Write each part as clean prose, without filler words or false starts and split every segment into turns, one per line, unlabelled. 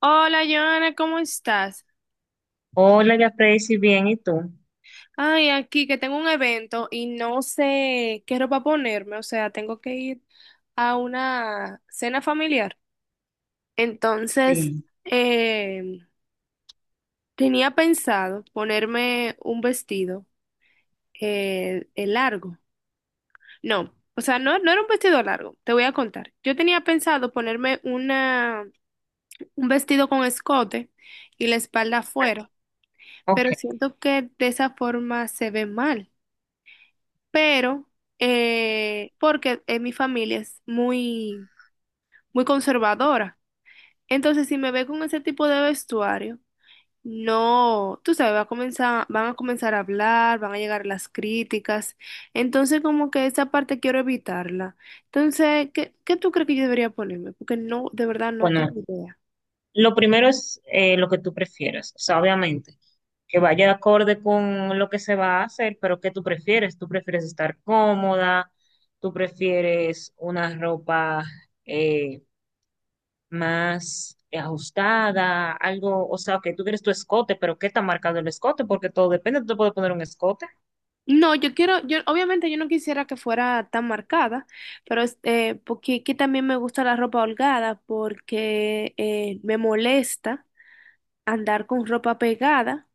Hola, Joana, ¿cómo estás?
Hola, ya si bien, ¿y tú?
Ay, aquí que tengo un evento y no sé qué ropa ponerme, o sea, tengo que ir a una cena familiar. Entonces,
Sí.
eh, tenía pensado ponerme un vestido largo. No, o sea, no era un vestido largo, te voy a contar. Yo tenía pensado ponerme un vestido con escote y la espalda afuera,
Ok,
pero siento que de esa forma se ve mal. Pero porque en mi familia es muy, muy conservadora. Entonces, si me ve con ese tipo de vestuario, no, tú sabes, van a comenzar a hablar, van a llegar las críticas. Entonces, como que esa parte quiero evitarla. Entonces, ¿qué tú crees que yo debería ponerme? Porque no, de verdad no
bueno,
tengo idea.
lo primero es lo que tú prefieras, o sea, obviamente, que vaya de acorde con lo que se va a hacer, pero ¿qué tú prefieres? ¿Tú prefieres estar cómoda? ¿Tú prefieres una ropa eh, más ajustada? Algo, o sea, que tú quieres tu escote, pero ¿qué está marcado el escote? Porque todo depende, tú te puedes poner un escote.
No, yo quiero, yo obviamente yo no quisiera que fuera tan marcada, pero este, porque aquí también me gusta la ropa holgada porque me molesta andar con ropa pegada.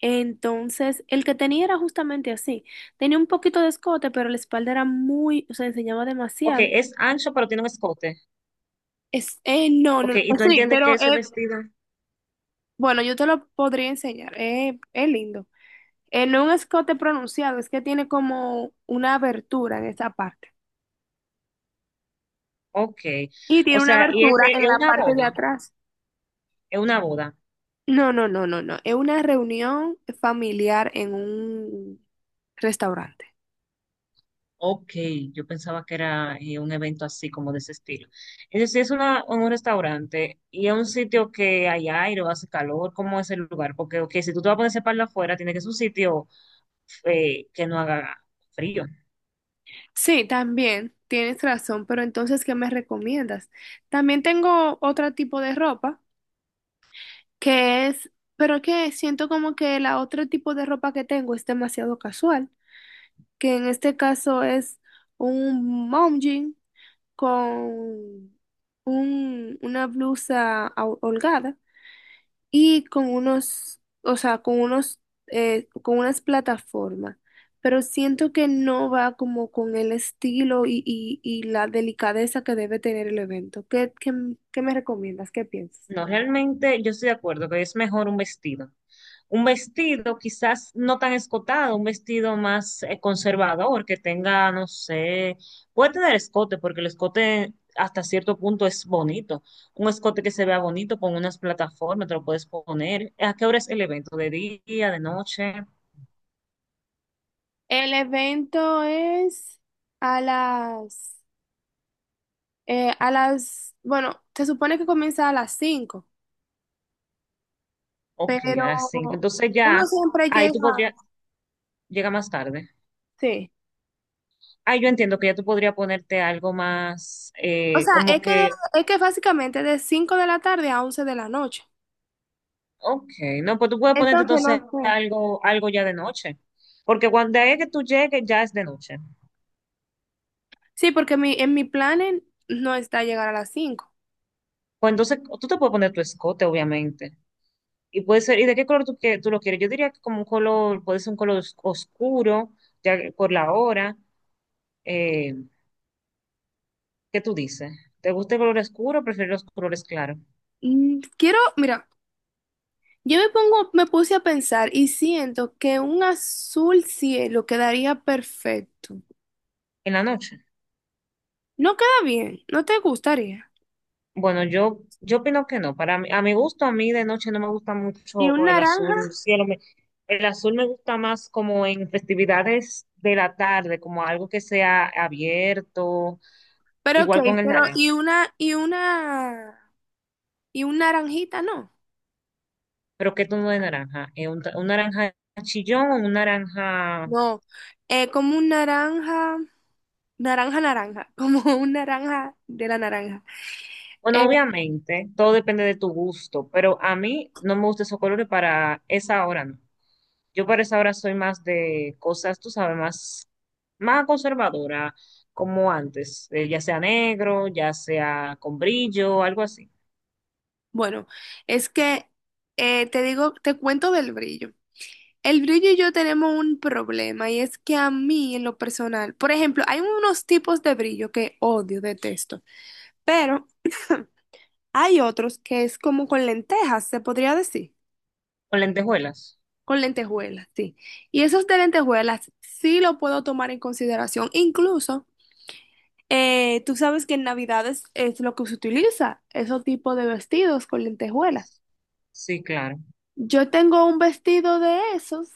Entonces, el que tenía era justamente así. Tenía un poquito de escote, pero la espalda era muy, o sea, enseñaba
Ok,
demasiado.
es ancho, pero tiene un escote.
No, no,
Ok,
no,
¿y tú
sí,
entiendes qué
pero
es el vestido?
bueno, yo te lo podría enseñar. Es lindo. No es un escote pronunciado, es que tiene como una abertura en esa parte.
Ok.
Y
O
tiene una
sea, y
abertura
este
en
es
la
una
parte de
boda,
atrás.
es una boda.
No, no, no, no, no. Es una reunión familiar en un restaurante.
Ok, yo pensaba que era un evento así como de ese estilo. Es decir, es una, un restaurante y es un sitio que hay aire o hace calor, ¿cómo es el lugar? Porque, ok, si tú te vas a poner ese palo afuera, tiene que ser un sitio que no haga frío.
Sí, también tienes razón, pero entonces, ¿qué me recomiendas? También tengo otro tipo de ropa que es, pero que siento como que la otro tipo de ropa que tengo es demasiado casual, que en este caso es un mom jean con una blusa holgada. Y con unos, o sea, con unas plataformas, pero siento que no va como con el estilo y la delicadeza que debe tener el evento. ¿Qué me recomiendas? ¿Qué piensas?
No, realmente yo estoy de acuerdo que es mejor un vestido. Un vestido quizás no tan escotado, un vestido más conservador que tenga, no sé, puede tener escote porque el escote hasta cierto punto es bonito. Un escote que se vea bonito con unas plataformas, te lo puedes poner. ¿A qué hora es el evento? ¿De día, de noche?
El evento es a las, bueno, se supone que comienza a las 5,
Ok, a
pero
las 5. Entonces
uno
ya,
siempre
ahí tú
llega,
podrías, llega más tarde.
sí.
Ah, yo entiendo que ya tú podrías ponerte algo más,
O sea,
como que
es que básicamente de 5 de la tarde a 11 de la noche.
Ok, no, pues tú puedes ponerte
Entonces,
entonces
no sé.
algo, algo ya de noche, porque cuando es que tú llegues ya es de noche.
Sí, porque mi, en mi plan no está llegar a las 5.
Pues entonces tú te puedes poner tu escote, obviamente. Y puede ser, ¿y de qué color tú, que, tú lo quieres? Yo diría que como un color, puede ser un color oscuro, ya que por la hora. Eh, ¿Qué tú dices? ¿Te gusta el color oscuro o prefieres los colores claros?
Quiero, mira, me puse a pensar y siento que un azul cielo quedaría perfecto.
En la noche.
No queda bien, no te gustaría.
Bueno, yo opino que no. Para mí, a mi gusto, a mí de noche no me gusta
Y un
mucho el
naranja,
azul cielo. Me- el azul me gusta más como en festividades de la tarde, como algo que sea abierto,
pero ok,
igual con el
pero
naranja.
y una, y una, y un naranjita, no.
Pero ¿qué tono de naranja? Un naranja chillón o un naranja
No, como un naranja, naranja, naranja, como un naranja de la naranja.
Bueno,
Eh,
obviamente, todo depende de tu gusto, pero a mí no me gustan esos colores para esa hora, no. Yo para esa hora soy más de cosas, tú sabes, más, más conservadora, como antes, ya sea negro, ya sea con brillo, algo así.
bueno, es que te cuento del brillo. El brillo y yo tenemos un problema y es que a mí en lo personal, por ejemplo, hay unos tipos de brillo que odio, detesto, pero hay otros que es como con lentejas, se podría decir,
Con lentejuelas.
con lentejuelas, sí. Y esos de lentejuelas sí lo puedo tomar en consideración. Incluso, tú sabes que en Navidades es lo que se utiliza, esos tipos de vestidos con lentejuelas.
Sí, claro.
Yo tengo un vestido de esos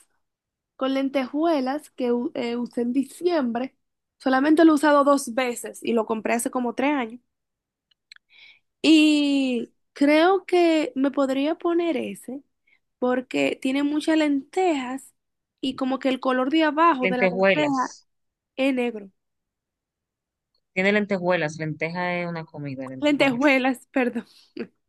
con lentejuelas que usé en diciembre. Solamente lo he usado dos veces y lo compré hace como 3 años. Y creo que me podría poner ese porque tiene muchas lentejas y como que el color de abajo de la lenteja
Lentejuelas.
es negro.
Tiene lentejuelas. Lenteja es una comida, lentejuelas.
Lentejuelas, perdón.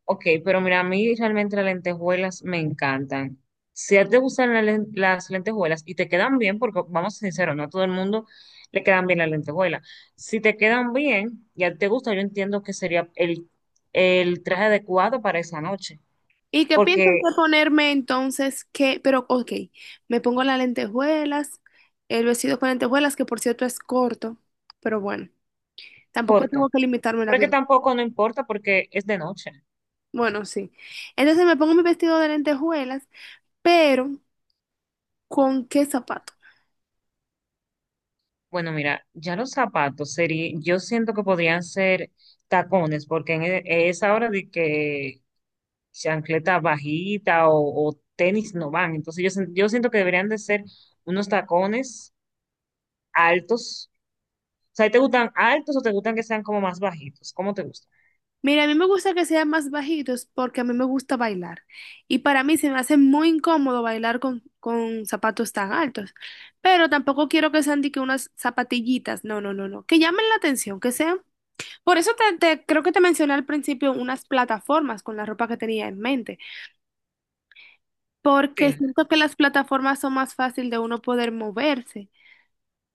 Ok, pero mira, a mí realmente las lentejuelas me encantan. Si a ti te gustan la las lentejuelas y te quedan bien, porque vamos sinceros, no a todo el mundo le quedan bien las lentejuelas. Si te quedan bien y a ti te gusta, yo entiendo que sería el traje adecuado para esa noche,
¿Y qué piensas
porque
de ponerme entonces? Pero ok, me pongo las lentejuelas, el vestido con lentejuelas, que por cierto es corto, pero bueno, tampoco
corto.
tengo que limitarme la
Pero es que
vida.
tampoco no importa porque es de noche.
Bueno, sí. Entonces me pongo mi vestido de lentejuelas, pero ¿con qué zapato?
Bueno, mira, ya los zapatos sería, yo siento que podrían ser tacones, porque en esa hora de que chancleta bajita o tenis no van. Entonces yo, yo siento que deberían de ser unos tacones altos. O sea, ¿te gustan altos o te gustan que sean como más bajitos? ¿Cómo te gustan?
Mira, a mí me gusta que sean más bajitos porque a mí me gusta bailar. Y para mí se me hace muy incómodo bailar con zapatos tan altos. Pero tampoco quiero que sean de que unas zapatillitas. No, no, no, no. Que llamen la atención, que sean. Por eso creo que te mencioné al principio unas plataformas con la ropa que tenía en mente.
Sí,
Porque siento que las plataformas son más fácil de uno poder moverse.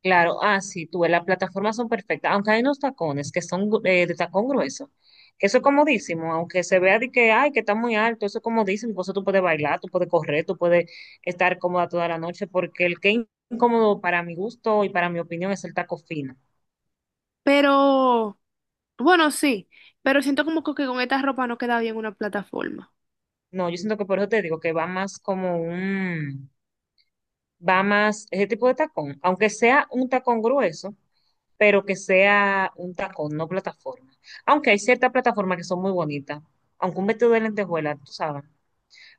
claro. Ah, sí, tú, ves, las plataformas son perfectas, aunque hay unos tacones que son de tacón grueso. Que Eso es comodísimo, aunque se vea de que, ay, que está muy alto, eso es comodísimo, por eso tú puedes bailar, tú puedes correr, tú puedes estar cómoda toda la noche, porque el que es incómodo para mi gusto y para mi opinión es el taco fino.
Pero. Bueno, sí, pero siento como que con esta ropa no queda bien una plataforma.
No, yo siento que por eso te digo que va más como un, va más ese tipo de tacón, aunque sea un tacón grueso, pero que sea un tacón, no plataforma. Aunque hay ciertas plataformas que son muy bonitas, aunque un vestido de lentejuela, tú sabes,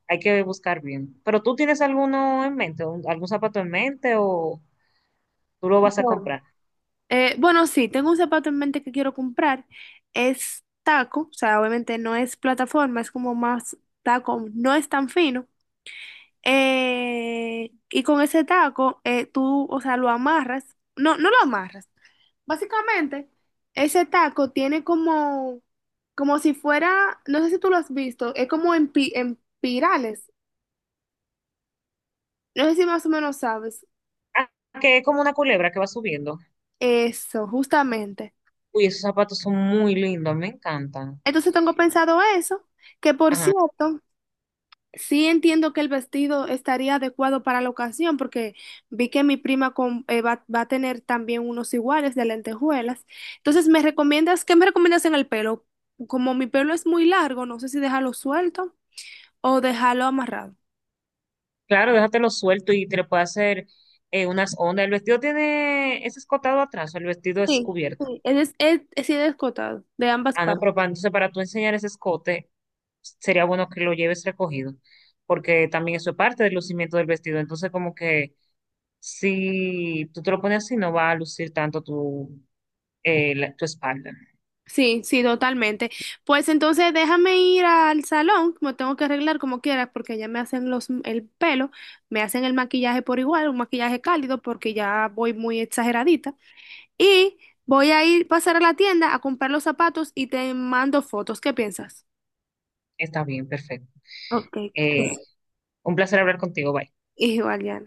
hay que buscar bien. Pero tú tienes alguno en mente, algún zapato en mente o tú lo vas a
No.
comprar.
Bueno, sí, tengo un zapato en mente que quiero comprar. Es taco, o sea, obviamente no es plataforma, es como más taco, no es tan fino. Y con ese taco, tú, o sea, lo amarras. No, no lo amarras. Básicamente, ese taco tiene como, como si fuera, no sé si tú lo has visto, es como en, en pirales. No sé si más o menos sabes.
Ah, que es como una culebra que va subiendo.
Eso, justamente.
Uy, esos zapatos son muy lindos, me encantan.
Entonces tengo pensado eso, que por
Ajá.
cierto, sí entiendo que el vestido estaría adecuado para la ocasión, porque vi que mi prima va a tener también unos iguales de lentejuelas. Entonces, qué me recomiendas en el pelo? Como mi pelo es muy largo, no sé si dejarlo suelto o dejarlo amarrado.
Claro, déjatelo suelto y te le puede hacer unas ondas. El vestido tiene, es escotado atrás, o el vestido es
Sí,
cubierto.
sí, es sí, descotado, de ambas
Ah, no, pero
partes.
para, entonces para tú enseñar ese escote, sería bueno que lo lleves recogido, porque también eso es parte del lucimiento del vestido. Entonces, como que si tú te lo pones así, no va a lucir tanto tu, tu espalda.
Sí, sí, totalmente. Pues entonces déjame ir al salón, me tengo que arreglar como quieras porque ya me hacen los el pelo, me hacen el maquillaje por igual, un maquillaje cálido porque ya voy muy exageradita y voy a ir pasar a la tienda a comprar los zapatos y te mando fotos. ¿Qué piensas?
Está bien, perfecto.
Ok.
Eh, un placer hablar contigo, bye.
Igual, ya.